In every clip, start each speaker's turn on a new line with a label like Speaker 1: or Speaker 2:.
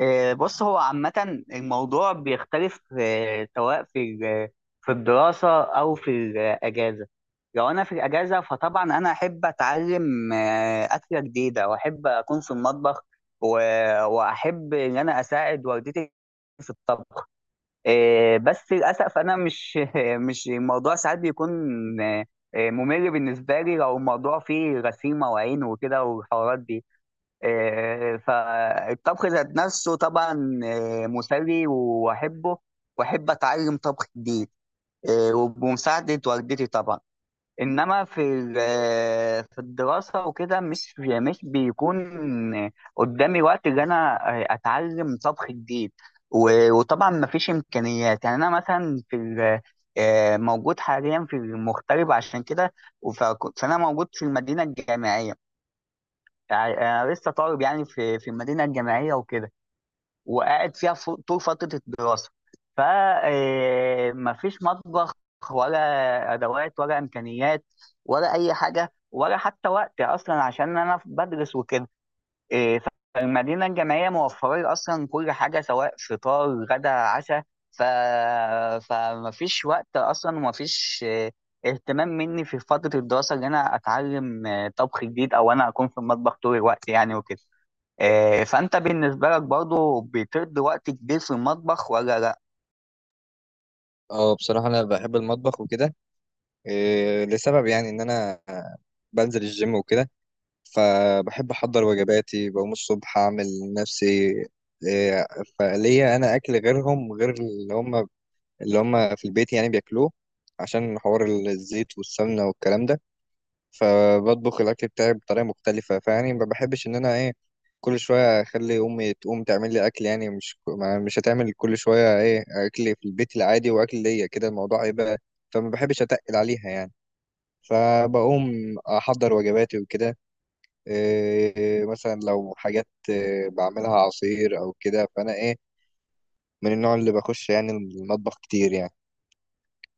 Speaker 1: بص، هو عامة الموضوع بيختلف سواء في في الدراسة أو في الأجازة. لو أنا في الأجازة فطبعا أنا أحب أتعلم أكلة جديدة وأحب أكون في المطبخ. و- وأحب إن أنا أساعد والدتي في الطبخ. بس للأسف أنا مش مش الموضوع ساعات بيكون آه، ممل بالنسبة لي، لو الموضوع فيه غسيمة وعين وكده والحوارات دي. فالطبخ ذات نفسه طبعا مسلي واحبه، واحب اتعلم طبخ جديد. وبمساعده والدتي طبعا. انما في في الدراسه وكده مش بيكون قدامي وقت ان انا اتعلم طبخ جديد. وطبعا مفيش امكانيات، يعني انا مثلا في موجود حاليا في المغترب عشان كده. وف- فانا موجود في المدينه الجامعيه، يعني انا لسه طالب، يعني في المدينه الجامعيه وكده، وقاعد فيها طول فتره الدراسه. ف مفيش مطبخ ولا ادوات ولا امكانيات ولا اي حاجه، ولا حتى وقت اصلا عشان انا بدرس وكده. إيه، فالمدينة الجامعية موفرة أصلا كل حاجة، سواء فطار غدا عشاء. ف... فمفيش وقت أصلا ومفيش إيه، اهتمام مني في فترة الدراسة إن أنا أتعلم إيه، طبخ جديد، أو أنا أكون في المطبخ طول الوقت يعني وكده. إيه، فأنت بالنسبة لك برضو بتقضي وقت كبير في المطبخ ولا لأ؟
Speaker 2: اه، بصراحة أنا بحب المطبخ وكده. إيه لسبب يعني إن أنا بنزل الجيم وكده، فبحب أحضر وجباتي. بقوم الصبح أعمل نفسي إيه فليا، أنا أكل غيرهم غير اللي هم في البيت يعني بياكلوه، عشان حوار الزيت والسمنة والكلام ده. فبطبخ الاكل بتاعي بطريقه مختلفه، فيعني ما بحبش ان انا ايه كل شويه اخلي امي تقوم تعمل لي اكل. يعني مش هتعمل كل شويه ايه اكل في البيت العادي واكل ليا كده، الموضوع هيبقى، فما بحبش اتقل عليها يعني. فبقوم احضر وجباتي وكده. إيه مثلا لو حاجات إيه بعملها عصير او كده، فانا ايه من النوع اللي بخش يعني المطبخ كتير يعني.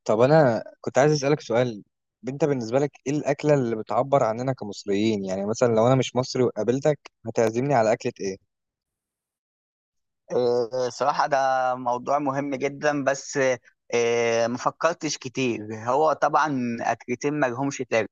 Speaker 2: طب انا كنت عايز اسالك سؤال، انت بالنسبه لك ايه الاكله اللي بتعبر عننا كمصريين؟ يعني مثلا لو انا مش مصري وقابلتك، هتعزمني على اكله ايه؟
Speaker 1: إيه، صراحة ده موضوع مهم جدا، بس إيه، مفكرتش كتير. هو طبعا أكلتين ملهمش تاج.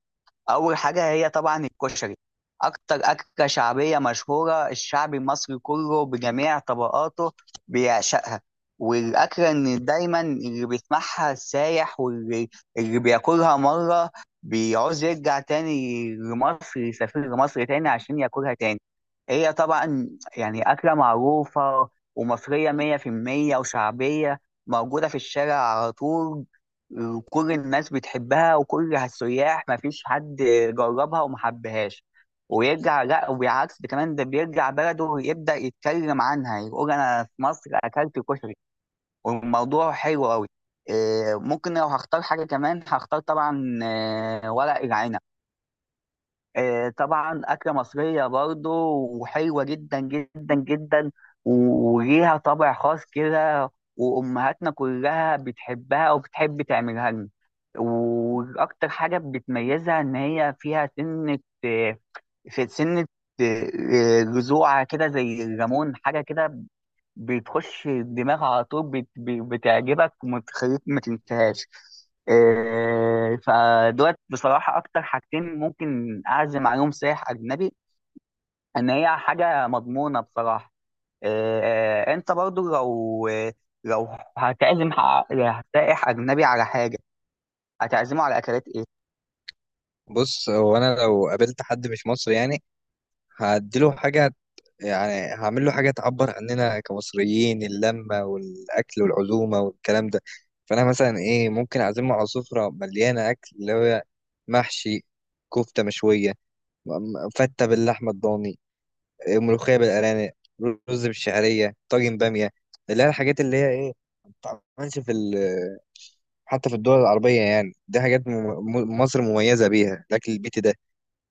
Speaker 1: اول حاجه هي طبعا الكشري، اكتر اكله شعبيه مشهوره، الشعب المصري كله بجميع طبقاته بيعشقها. والاكله ان دايما اللي بيسمعها السايح، اللي بياكلها مره بيعوز يرجع تاني لمصر، يسافر لمصر تاني عشان ياكلها تاني. هي طبعا يعني اكله معروفه ومصريه 100% وشعبيه، موجوده في الشارع على طول. كل الناس بتحبها وكل السياح، ما فيش حد جربها وما حبهاش ويرجع لا، وبالعكس، ده كمان ده بيرجع بلده ويبدأ يتكلم عنها، يقول انا في مصر اكلت كشري والموضوع حلو قوي. ممكن لو هختار حاجة كمان هختار طبعا ورق العنب. طبعا أكلة مصرية برضو، وحلوة جدا جدا جدا، وليها طابع خاص كده، وأمهاتنا كلها بتحبها وبتحب تعملها لنا. وأكتر حاجة بتميزها إن هي فيها سنة، آه، في سنة، آه، جذوع كده زي الليمون حاجة كده، بتخش الدماغ على طول، بتعجبك ومتخليك ما تنساهاش. إيه، فدوت بصراحة أكتر حاجتين ممكن أعزم عليهم سائح أجنبي، إن هي حاجة مضمونة بصراحة. إيه، أنت برضو لو هتعزم سائح أجنبي على حاجة، هتعزمه على أكلات إيه؟
Speaker 2: بص، هو انا لو قابلت حد مش مصري يعني هديله حاجه، يعني هعمل له حاجه تعبر عننا كمصريين، اللمه والاكل والعزومه والكلام ده. فانا مثلا ايه ممكن اعزمه على سفره مليانه اكل، اللي هو محشي، كفته مشويه، م- فته باللحمه الضاني، ملوخية بالأرانب، رز بالشعرية، طاجن بامية. اللي هي الحاجات اللي هي ايه ما بتتعملش في حتى في الدول العربية، يعني دي حاجات مصر مميزة بيها، الأكل البيتي ده.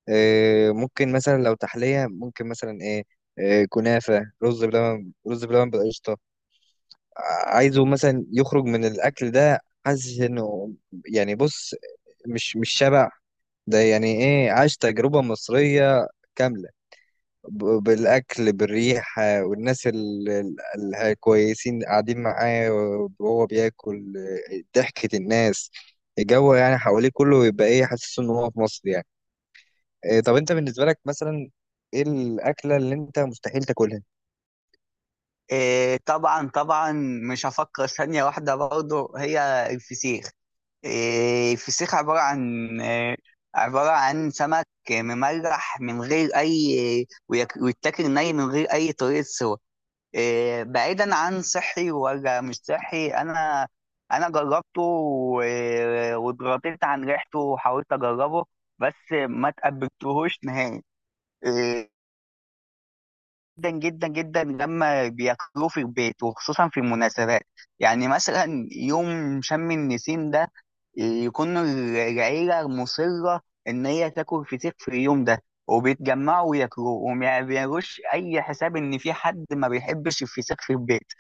Speaker 2: إيه ممكن مثلا لو تحلية، ممكن مثلا ايه، إيه كنافة، رز بلبن بالقشطة. عايزه مثلا يخرج من الأكل ده حاسس إنه، يعني بص، مش شبع، ده يعني ايه عاش تجربة مصرية كاملة. بالأكل، بالريح آه، والناس الكويسين قاعدين معاه وهو بياكل، آه، ضحكة الناس، الجو يعني حواليه كله، يبقى إيه حاسس إن هو في مصر يعني. آه، طب أنت بالنسبة لك مثلا، إيه الأكلة اللي أنت مستحيل تاكلها؟
Speaker 1: إيه، طبعا طبعا مش هفكر ثانية واحدة، برضو هي الفسيخ. إيه، الفسيخ عبارة عن إيه، عبارة عن سمك مملح من غير أي، ويتاكل ني من غير أي طريقة سوى. إيه، بعيدا عن صحي ولا مش صحي، أنا جربته واتغطيت عن ريحته وحاولت أجربه، بس ما تقبلتهوش نهائي. آه، جدا جدا جدا لما بياكلوه في البيت وخصوصا في المناسبات، يعني مثلا يوم شم النسيم ده يكون العيلة مصرة إن هي تاكل فسيخ في اليوم ده، وبيتجمعوا وياكلوه وما بيعملوش أي حساب إن في حد ما بيحبش الفسيخ في البيت.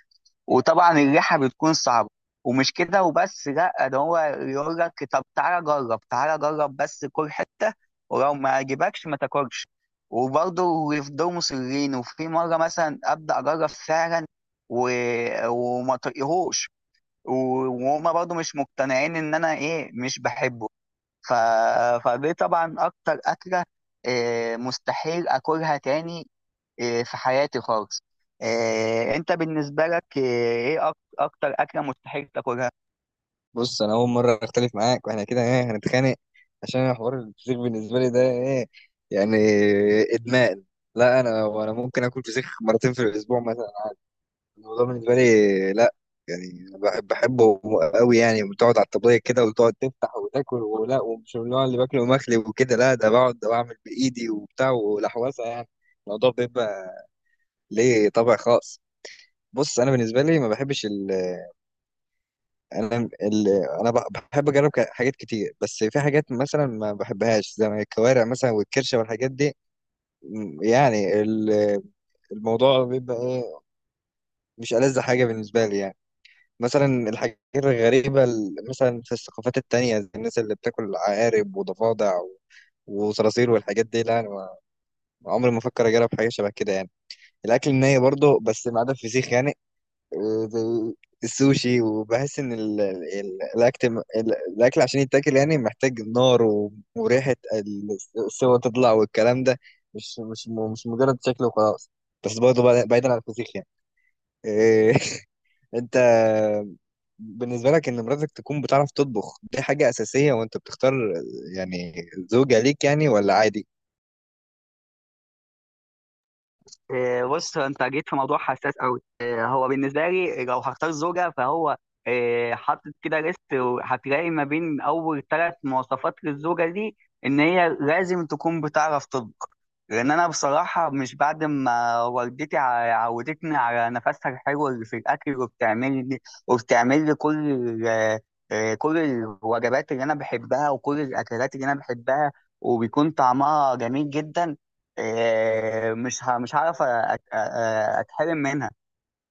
Speaker 1: وطبعا الريحه بتكون صعبه، ومش كده وبس، لا ده هو يقول لك طب تعالى جرب تعالى جرب بس كل حته، ولو ما عجبكش ما تاكلش. وبرضه يفضلوا مصرين، وفي مره مثلا ابدا اجرب فعلا و... وما طقيهوش، وهما برضه مش مقتنعين ان انا ايه مش بحبه. ف... فدي طبعا اكتر اكله إيه مستحيل اكلها تاني، إيه، في حياتي خالص. إيه، انت بالنسبه لك ايه اكتر اكله مستحيل تاكلها؟
Speaker 2: بص، أنا أول مرة أختلف معاك وإحنا كده، إيه هنتخانق عشان أنا حوار الفسيخ بالنسبة لي ده إيه يعني إدمان. لا، أنا ممكن آكل فسيخ مرتين في الأسبوع مثلا. الموضوع بالنسبة لي، لا، يعني بحبه قوي. يعني بتقعد على الطبلية كده وتقعد تفتح وتاكل، ولا ومش من النوع اللي باكله مخلي وكده، لا، ده بقعد بعمل بإيدي وبتاع ولحوسة يعني. الموضوع بيبقى ليه طابع خاص. بص، انا بالنسبه لي ما بحبش انا ال انا بح- بحب اجرب حاجات كتير، بس في حاجات مثلا ما بحبهاش زي ما الكوارع مثلا والكرشه والحاجات دي. م- يعني ال- الموضوع بيبقى ايه مش ألذ حاجه بالنسبه لي يعني. مثلا الحاجات الغريبة مثلا في الثقافات التانية، زي الناس اللي بتاكل عقارب وضفادع وصراصير والحاجات دي، لا أنا ما- عمري ما أفكر أجرب حاجة شبه كده يعني. الأكل الني برضه، بس ما عدا الفسيخ يعني، آه، زي السوشي. وبحس إن الأكل عشان يتاكل يعني محتاج نار وريحة السوا تطلع والكلام ده، مش مجرد شكل وخلاص. بس برضه بعيدا عن الفسيخ يعني. إيه، أنت بالنسبة لك إن مراتك تكون بتعرف تطبخ دي حاجة أساسية وأنت بتختار يعني زوجة ليك، يعني ولا عادي؟
Speaker 1: إيه، بص انت جيت في موضوع حساس قوي. إيه، هو بالنسبه لي لو هختار زوجه، فهو إيه، حاطط كده ليست، وهتلاقي ما بين اول ثلاث مواصفات للزوجه دي ان هي لازم تكون بتعرف تطبخ. لان انا بصراحه مش، بعد ما والدتي عودتني على نفسها الحلو اللي في الاكل، وبتعمل لي إيه، كل الوجبات اللي انا بحبها وكل الاكلات اللي انا بحبها، وبيكون طعمها جميل جدا. مش هعرف اتحرم منها.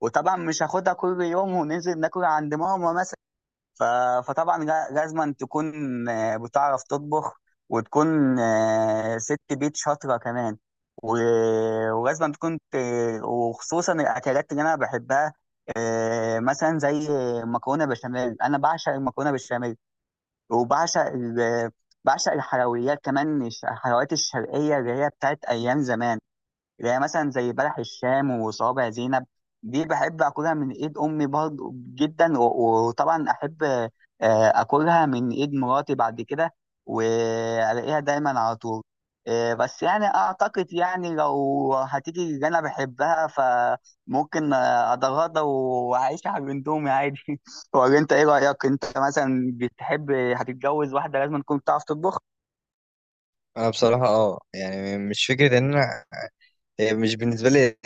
Speaker 1: وطبعا مش هاخدها كل يوم وننزل ناكل عند ماما مثلا. ف- فطبعا لازم تكون بتعرف تطبخ، وتكون ست بيت شاطرة كمان. ولازم تكون وخصوصا الأكلات اللي أنا بحبها، مثلا زي مكرونة بشاميل. أنا بعشق المكرونة بالبشاميل، وبعشق ال- بعشق الحلويات كمان، الحلويات الشرقية اللي هي بتاعت أيام زمان، يعني مثلا زي بلح الشام وصوابع زينب. دي بحب اكلها من ايد امي برضه جدا، وطبعا احب اكلها من ايد مراتي بعد كده، والاقيها دايما على طول. بس يعني اعتقد، يعني لو هتيجي اللي انا بحبها، فممكن اتغاضى واعيش على الاندومي عادي ولا انت ايه رايك، انت مثلا بتحب هتتجوز واحده لازم تكون بتعرف تطبخ؟
Speaker 2: أنا بصراحة أه، يعني مش فكرة إن أنا، هي مش بالنسبة لي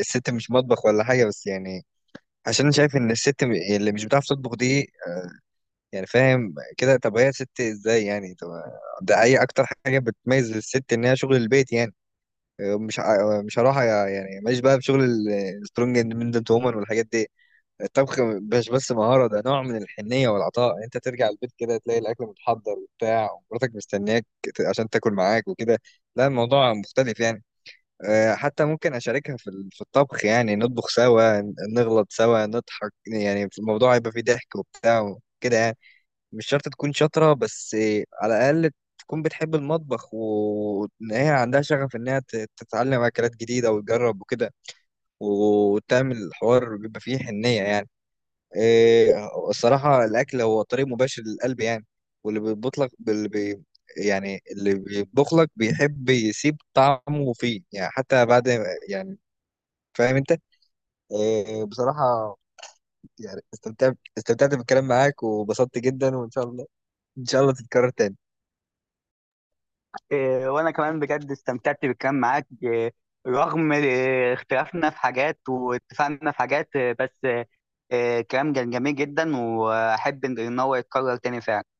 Speaker 2: الست مش مطبخ ولا حاجة، بس يعني عشان أنا شايف إن الست اللي مش بتعرف تطبخ دي، يعني فاهم كده، طب هي ست إزاي يعني؟ طب ده أي أكتر حاجة بتميز الست إن هي شغل البيت يعني. مش هروح يعني، ماليش بقى بشغل السترونج اندبندنت وومن والحاجات دي. الطبخ مش بس مهارة، ده نوع من الحنية والعطاء. انت ترجع البيت كده تلاقي الاكل متحضر وبتاع، ومراتك مستنياك عشان تاكل معاك وكده، لا الموضوع مختلف يعني. آه، حتى ممكن اشاركها في الطبخ، يعني نطبخ سوا، نغلط سوا، نضحك، يعني في الموضوع هيبقى فيه ضحك وبتاع وكده يعني. مش شرط تكون شاطرة، بس آه، على الاقل تكون بتحب المطبخ، وان هي عندها شغف انها تتعلم اكلات جديدة وتجرب وكده، وتعمل الحوار بيبقى فيه حنية يعني. إيه الصراحة الأكل هو طريق مباشر للقلب يعني. واللي بيطبخ لك اللي بي يعني اللي بيطبخ لك بيحب يسيب طعمه فيه يعني، حتى بعد، يعني فاهم أنت. إيه بصراحة يعني استمتعت بالكلام معاك وبسطت جدا، وإن شاء الله، إن شاء الله تتكرر تاني.
Speaker 1: إيه، وانا كمان بجد استمتعت بالكلام معاك. إيه، رغم إيه، اختلافنا في حاجات واتفقنا في حاجات، إيه، بس إيه، إيه، كلام كان جميل جدا، واحب ان إن هو يتكرر تاني فعلا.